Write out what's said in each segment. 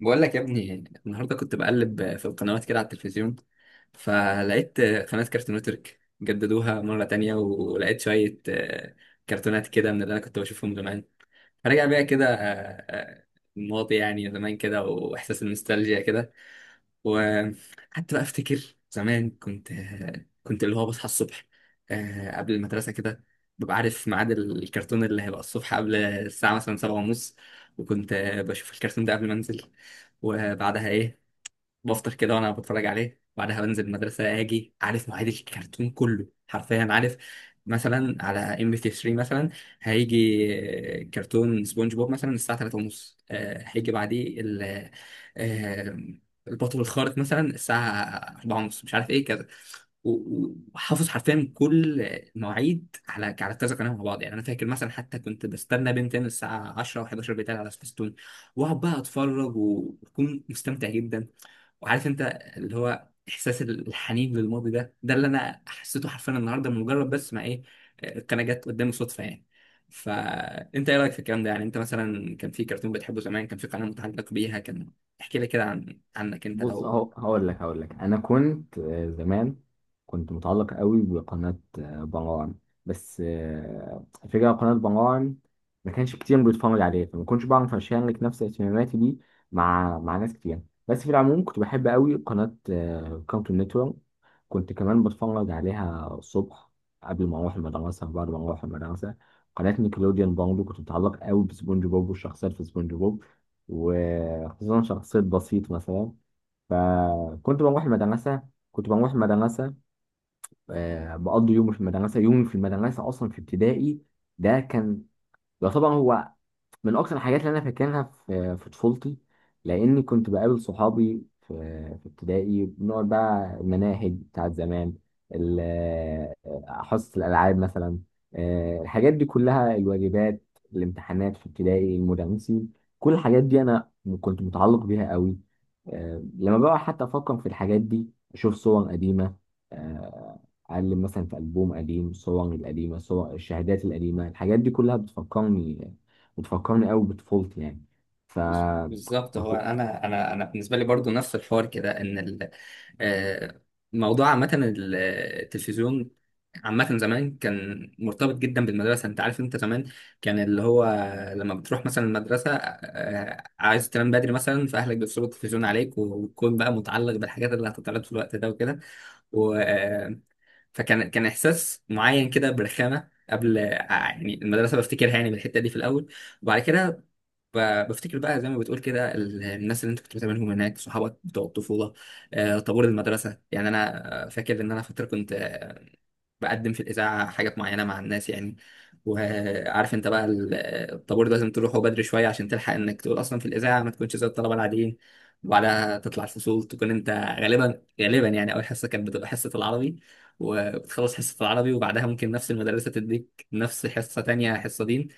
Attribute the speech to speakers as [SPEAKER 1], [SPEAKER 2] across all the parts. [SPEAKER 1] بقول لك يا ابني، النهارده كنت بقلب في القنوات كده على التلفزيون، فلقيت قناة كارتون نتورك جددوها مرة تانية، ولقيت شوية كرتونات كده من اللي أنا كنت بشوفهم زمان. فرجع بيا كده آه، الماضي، يعني زمان كده وإحساس النوستالجيا كده. وحتى بقى افتكر زمان كنت اللي هو بصحى الصبح قبل المدرسة كده، ببقى عارف ميعاد الكرتون اللي هيبقى الصبح قبل الساعة مثلا 7:30. وكنت بشوف الكرتون ده قبل ما انزل. وبعدها ايه، بفطر كده وانا بتفرج عليه، بعدها بنزل المدرسه. اجي عارف مواعيد الكرتون كله حرفيا، عارف مثلا على MP3 مثلا هيجي كرتون سبونج بوب مثلا الساعه 3 ونص، هيجي بعديه ال آه، البطل الخارق مثلا الساعه 4 ونص، مش عارف ايه كذا. و- وحافظ حرفيا كل مواعيد على كذا قناه مع بعض، يعني انا فاكر مثلا حتى كنت بستنى بنتين الساعه 10 و11 بتاعي على سبيستون، واقعد بقى اتفرج واكون مستمتع جدا. وعارف انت اللي هو احساس الحنين للماضي ده اللي انا حسيته حرفيا النهارده، من مجرد بس ما ايه القناه جت قدامي صدفه يعني. فانت ايه رايك في الكلام ده؟ يعني انت مثلا كان في كرتون بتحبه زمان، كان في قناه متعلق بيها، كان احكي لي كده عنك انت
[SPEAKER 2] بص،
[SPEAKER 1] لو...
[SPEAKER 2] اهو هقول لك انا كنت زمان. كنت متعلق قوي بقناه بنغوان. بس الفكره قناه بنغوان ما كانش كتير بيتفرج عليها، فما كنتش بعرف اشارك نفس اهتماماتي دي مع ناس كتير. بس في العموم كنت بحب قوي قناه كارتون نتورك. كنت كمان بتفرج عليها الصبح قبل ما اروح المدرسه وبعد ما اروح المدرسه. قناه نيكلوديان برضه كنت متعلق قوي بسبونج بوب والشخصيات في سبونج بوب، وخصوصا شخصيه بسيط مثلا. فكنت بروح المدرسة كنت بروح المدرسة بقضي يومي في المدرسة أصلا في ابتدائي. ده كان يعتبر هو من اكتر الحاجات اللي انا فاكرها في في طفولتي، لاني كنت بقابل صحابي في في ابتدائي. بنقعد بقى المناهج بتاعت زمان، ال- حصص الالعاب مثلا. الحاجات دي كلها، الواجبات، الامتحانات في ابتدائي، المدرسين، كل الحاجات دي انا كنت متعلق بيها قوي. لما بقى حتى افكر في الحاجات دي اشوف صور قديمه. آه، اعلم مثلا في البوم قديم، الصور القديمه، صور الشهادات القديمه، الحاجات دي كلها بتفكرني وتفكرني قوي بطفولتي يعني. ف
[SPEAKER 1] بالظبط، هو
[SPEAKER 2] فكو-
[SPEAKER 1] انا بالنسبه لي برضو نفس الحوار كده، ان آه، موضوع عامه التلفزيون عامه، زمان كان مرتبط جدا بالمدرسه. انت عارف، انت زمان كان اللي هو لما بتروح مثلا المدرسه عايز تنام بدري مثلا، فاهلك بيصوروا التلفزيون عليك، وتكون بقى متعلق بالحاجات اللي هتتعرض في الوقت ده وكده و آه، فكان احساس معين كده برخامه قبل يعني المدرسه، بفتكرها يعني بالحته دي في الاول. وبعد كده بفتكر بقى زي ما بتقول كده الناس اللي انت كنت بتقابلهم هناك، صحابك بتوع الطفوله، طابور المدرسه. يعني انا فاكر ان انا فتره كنت بقدم في الاذاعه حاجات معينه مع الناس يعني، وعارف انت بقى الطابور ده لازم تروحه بدري شويه عشان تلحق انك تقول اصلا في الاذاعه ما تكونش زي الطلبه العاديين. وبعدها تطلع الفصول تكون انت غالبا، يعني اول حصه كانت بتبقى حصه العربي، وبتخلص حصه العربي وبعدها ممكن نفس المدرسه تديك نفس حصه تانية حصه دين.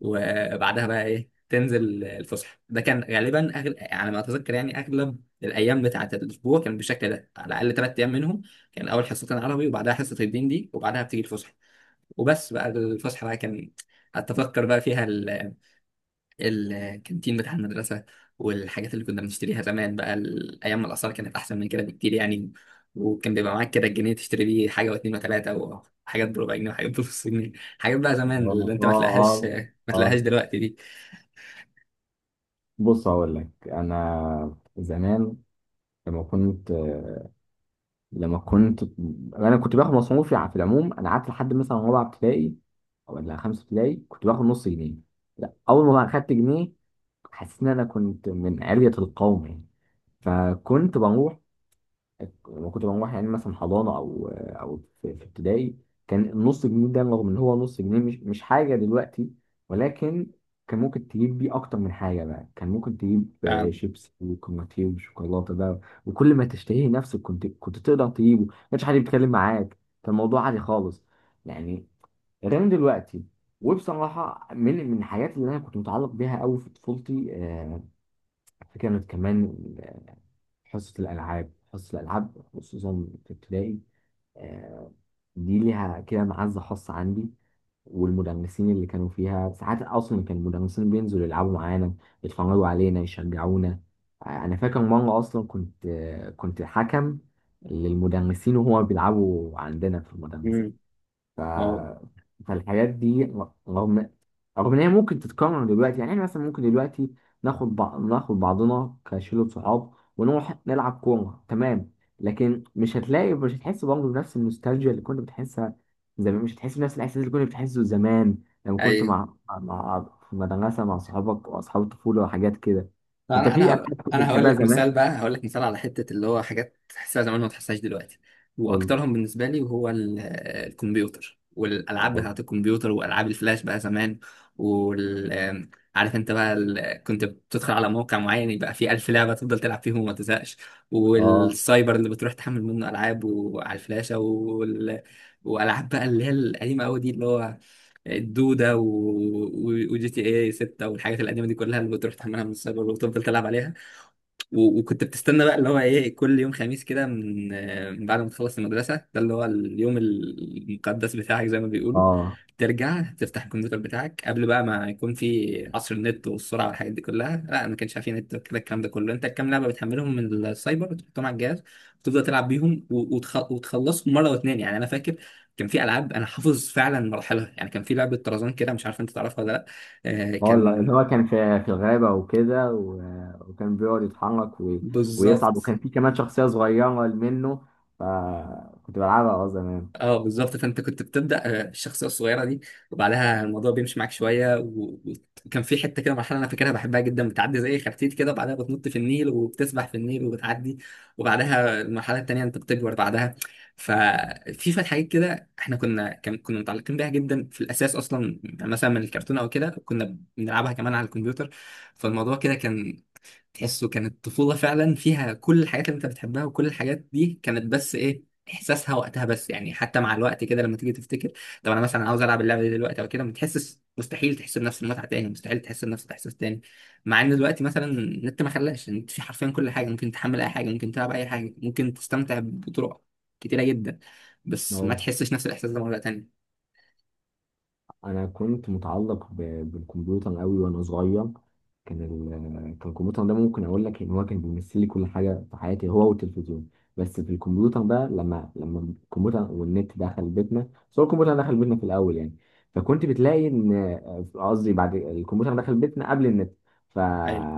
[SPEAKER 1] وبعدها بقى ايه تنزل الفسحه، ده كان غالبا على ما اتذكر، يعني اغلب الايام بتاعه الاسبوع كان بالشكل ده، على الاقل 3 ايام منهم كان اول حصتين عربي وبعدها حصه الدين دي وبعدها بتيجي الفسحه. وبس بقى الفسحه بقى كان اتفكر بقى فيها الكانتين بتاع المدرسه والحاجات اللي كنا بنشتريها زمان بقى ايام ما الاسعار كانت احسن من كده بكتير يعني، وكان بيبقى معاك كده الجنيه تشتري بيه حاجه واتنين وتلاته، وحاجات بربع جنيه وحاجات بنص جنيه. حاجات بقى زمان اللي
[SPEAKER 2] اه،
[SPEAKER 1] انت ما تلاقيهاش
[SPEAKER 2] اه،
[SPEAKER 1] ما تلاقيهاش
[SPEAKER 2] اه.
[SPEAKER 1] دلوقتي دي
[SPEAKER 2] بص، هقول لك انا زمان، لما كنت لما كنت انا كنت باخد مصروفي في العموم. انا قعدت لحد مثلا رابعه ابتدائي ولا خمسه ابتدائي كنت باخد نص جنيه. لا، اول ما بقى اخدت جنيه حسيت ان انا كنت من علية القوم يعني. فكنت بروح لما كنت بروح يعني مثلا حضانه او في ابتدائي، كان النص جنيه ده رغم ان هو نص جنيه مش حاجه دلوقتي، ولكن كان ممكن تجيب بيه اكتر من حاجه. بقى كان ممكن تجيب
[SPEAKER 1] ف...
[SPEAKER 2] شيبسي وكرواتيه وشوكولاته بقى، وكل ما تشتهيه نفسك كنت تقدر تجيبه، ما كانش حد بيتكلم معاك. كان الموضوع عادي خالص يعني، غير دلوقتي. وبصراحه، من الحاجات اللي انا كنت متعلق بيها قوي في طفولتي، كانت كمان حصة الألعاب خصوصا في ابتدائي. آه، دي ليها كده معزة خاصة عندي، والمدرسين اللي كانوا فيها ساعات أصلا كان المدرسين بينزلوا يلعبوا معانا، يتفرجوا علينا، يشجعونا. أنا فاكر مرة أصلا كنت حكم للمدرسين وهما بيلعبوا عندنا في
[SPEAKER 1] مم.
[SPEAKER 2] المدرسة. ف...
[SPEAKER 1] واو.
[SPEAKER 2] فالحاجات دي رغم ان هي ممكن تتكرر دلوقتي، يعني احنا مثلا ممكن دلوقتي ناخد بعضنا كشلة صحاب ونروح نلعب كورة، تمام، لكن مش هتلاقي، مش هتحس برضه بنفس النوستالجيا اللي كنت بتحسها زمان، مش هتحس بنفس الاحساس اللي كنت بتحسه زمان لما
[SPEAKER 1] اي
[SPEAKER 2] كنت في مدرسة مع صحابك واصحاب الطفولة وحاجات كده. انت
[SPEAKER 1] انا
[SPEAKER 2] في
[SPEAKER 1] انا
[SPEAKER 2] العاب
[SPEAKER 1] ه-
[SPEAKER 2] كنت
[SPEAKER 1] انا هقول
[SPEAKER 2] بتحبها
[SPEAKER 1] لك مثال
[SPEAKER 2] زمان؟
[SPEAKER 1] بقى، هقول لك مثال على حته اللي هو حاجات تحسها زمان ما تحسهاش دلوقتي،
[SPEAKER 2] قول.
[SPEAKER 1] واكترهم بالنسبه لي وهو الكمبيوتر والالعاب
[SPEAKER 2] اه،
[SPEAKER 1] بتاعت الكمبيوتر والعاب الفلاش بقى زمان. وال آم، عارف انت بقى كنت بتدخل على موقع معين يبقى فيه 1000 لعبه تفضل تلعب فيهم وما تزهقش،
[SPEAKER 2] اه،
[SPEAKER 1] والسايبر اللي بتروح تحمل منه العاب وعلى الفلاشه والعاب بقى اللي هي القديمه قوي دي اللي هو الدودة وجي تي اي 6 والحاجات القديمة دي كلها اللي بتروح تحملها من السايبر وتفضل تلعب عليها. وكنت بتستنى بقى اللي هو ايه، كل يوم خميس كده من من بعد ما تخلص المدرسة، ده اللي هو اليوم المقدس بتاعك زي ما بيقولوا،
[SPEAKER 2] اه.
[SPEAKER 1] ترجع تفتح الكمبيوتر بتاعك قبل بقى ما يكون في عصر النت والسرعة والحاجات دي كلها، لا ما كانش في نت كده الكلام ده كله. انت الكام لعبة بتحملهم من السايبر وتحطهم على الجهاز وتفضل تلعب بيهم وتخلصهم مرة واتنين. يعني انا فاكر كان في العاب انا حافظ فعلا مراحلها، يعني كان في لعبة طرزان كده، مش عارف انت تعرفها ولا لا.
[SPEAKER 2] والله اللي
[SPEAKER 1] كان...
[SPEAKER 2] هو كان في الغابة وكده، وكان بيقعد يتحرك ويصعد،
[SPEAKER 1] بالظبط
[SPEAKER 2] وكان في كمان شخصية صغيرة منه، فكنت بلعبها اه زمان.
[SPEAKER 1] اه بالظبط، فانت كنت بتبدا الشخصيه الصغيره دي، وبعدها الموضوع بيمشي معاك شويه وكان في حته كده مرحله انا فاكرها بحبها جدا، بتعدي زي خرتيت كده وبعدها بتنط في النيل وبتسبح في النيل وبتعدي، وبعدها المرحله التانيه انت بتكبر بعدها. ففي شويه حاجات كده احنا كنا متعلقين بيها جدا في الاساس اصلا، يعني مثلا من الكرتون او كده كنا بنلعبها كمان على الكمبيوتر. فالموضوع كده كان تحسه كانت طفولة فعلا، فيها كل الحاجات اللي انت بتحبها، وكل الحاجات دي كانت بس ايه احساسها وقتها بس. يعني حتى مع الوقت كده لما تيجي تفتكر طب انا مثلا عاوز العب اللعبة دي دلوقتي او كده، ما تحسش، مستحيل تحس بنفس المتعة تاني، مستحيل تحس بنفس الاحساس تاني. مع ان دلوقتي مثلا النت ما خلاش، النت في حرفيا كل حاجة، ممكن تحمل اي حاجة، ممكن تلعب اي حاجة، ممكن تستمتع بطرق كتيرة جدا، بس ما تحسش نفس الاحساس ده مرة تانية.
[SPEAKER 2] انا كنت متعلق بالكمبيوتر قوي وانا صغير. كان ال... كان الكمبيوتر ده ممكن اقول لك ان هو كان بيمثل لي كل حاجه في حياتي، هو والتلفزيون. بس في الكمبيوتر بقى، لما الكمبيوتر والنت دخل بيتنا. بس هو الكمبيوتر دخل بيتنا في الاول يعني، فكنت بتلاقي ان قصدي بعد الكمبيوتر دخل بيتنا قبل النت. ف
[SPEAKER 1] ايوه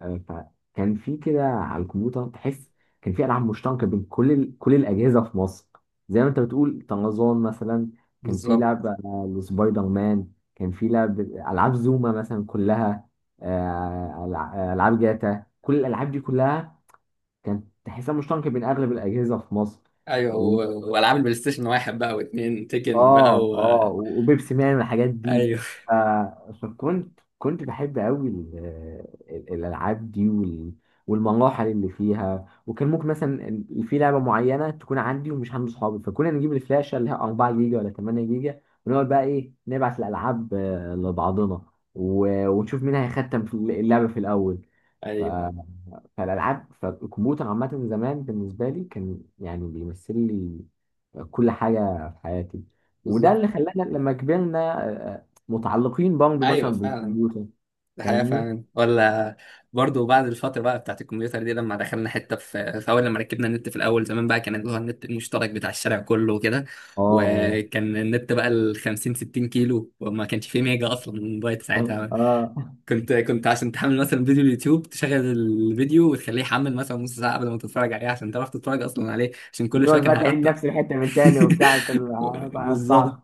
[SPEAKER 2] فكان في كده على الكمبيوتر تحس، كان في العاب مشتركه بين كل كل الاجهزه في مصر. زي ما انت بتقول طرزان مثلا، كان في
[SPEAKER 1] بالظبط.
[SPEAKER 2] لعبه وسبايدر مان، كان في لعب العاب زوما مثلا، كلها. العاب جاتا، كل الالعاب دي كلها كانت تحسها مشتركه بين اغلب الاجهزه في مصر.
[SPEAKER 1] ايوه والعاب البلاي ستيشن واحد بقى واثنين تيكن بقى
[SPEAKER 2] اه، اه، وبيبسي مان والحاجات دي.
[SPEAKER 1] ايوه.
[SPEAKER 2] فكنت بحب قوي الالعاب دي والمراحل اللي فيها. وكان ممكن مثلا في لعبه معينه تكون عندي ومش عند صحابي، فكنا نجيب الفلاشه اللي هي 4 جيجا ولا 8 جيجا، ونقعد بقى ايه نبعت الالعاب لبعضنا، ونشوف مين هيختم في اللعبه في الاول. ف-
[SPEAKER 1] ايوه،
[SPEAKER 2] فالالعاب فالكمبيوتر عامه زمان بالنسبه لي كان يعني بيمثل لي كل حاجة في حياتي، وده
[SPEAKER 1] بالظبط.
[SPEAKER 2] اللي خلانا لما كبرنا آه، متعلقين برضه مثلا
[SPEAKER 1] ايوه فعلا،
[SPEAKER 2] بالكمبيوتر.
[SPEAKER 1] ده حقيقه
[SPEAKER 2] فاهمني؟
[SPEAKER 1] فعلا ولا؟ برضو بعد الفتره بقى بتاعت الكمبيوتر دي، لما دخلنا حته في اول لما ركبنا النت في الاول زمان، بقى كان اللي هو النت المشترك بتاع الشارع كله وكده،
[SPEAKER 2] اه،
[SPEAKER 1] وكان النت بقى ال 50 60 كيلو، وما كانش فيه ميجا اصلا موبايل
[SPEAKER 2] اه،
[SPEAKER 1] ساعتها.
[SPEAKER 2] اه.
[SPEAKER 1] كنت عشان تحمل مثلا فيديو اليوتيوب، تشغل الفيديو وتخليه يحمل مثلا نص ساعه قبل ما تتفرج عليه عشان تعرف تتفرج اصلا عليه، عشان كل شويه
[SPEAKER 2] بتقعد
[SPEAKER 1] كان
[SPEAKER 2] بقى تعيد نفس
[SPEAKER 1] هيقطع.
[SPEAKER 2] الحتة من تاني وبتاع عشان ما اقطعش.
[SPEAKER 1] بالظبط،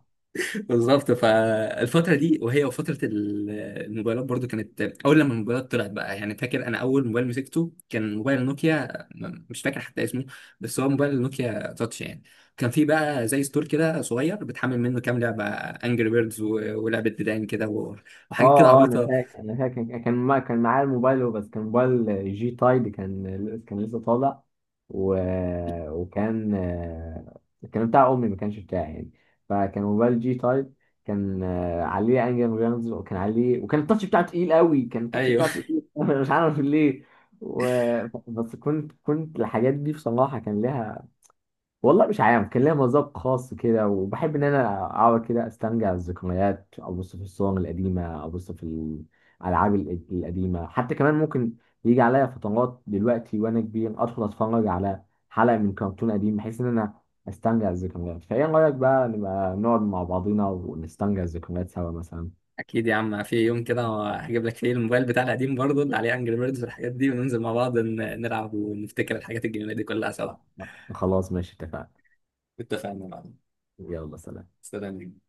[SPEAKER 1] بالظبط. فالفترة دي وهي وفترة الموبايلات، برضو كانت أول لما الموبايلات طلعت بقى، يعني فاكر أنا أول موبايل مسكته كان موبايل نوكيا، مش فاكر حتى اسمه، بس هو موبايل نوكيا تاتش يعني. كان فيه بقى زي ستور كده صغير، بتحمل منه كام لعبة أنجري بيردز ولعبة ديدان كده
[SPEAKER 2] اه،
[SPEAKER 1] وحاجات كده
[SPEAKER 2] اه، انا
[SPEAKER 1] عبيطة.
[SPEAKER 2] فاكر انا فاكر ما كان معايا الموبايل هو، بس كان موبايل جي تايد، كان لسه طالع. و... وكان آه، كان بتاع امي، ما كانش بتاعي يعني. فكان موبايل جي تايد، كان عليه انجل جيمز، وكان التاتش بتاعه تقيل قوي، كان التاتش
[SPEAKER 1] أيوه.
[SPEAKER 2] بتاعه تقيل مش عارف ليه. و... بس كنت الحاجات دي بصراحة كان لها والله مش عارف، كان ليا مذاق خاص كده، وبحب ان انا اقعد كده استرجع الذكريات، ابص في الصور القديمه، ابص في الالعاب القديمه. حتى كمان ممكن يجي عليا فترات دلوقتي وانا كبير ادخل اتفرج على حلقه من كرتون قديم بحيث ان انا استرجع الذكريات. فايه رايك بقى نبقى نقعد مع بعضينا ونسترجع الذكريات سوا مثلا؟
[SPEAKER 1] أكيد يا عم، في يوم كده هجيب لك فيه الموبايل بتاع القديم برضو اللي عليه أنجري بيردز والحاجات دي، وننزل مع بعض نلعب ونفتكر الحاجات الجميلة دي كلها سوا.
[SPEAKER 2] خلاص ماشي، اتفقنا.
[SPEAKER 1] اتفقنا يا معلم.
[SPEAKER 2] يلا، سلام.
[SPEAKER 1] سلام.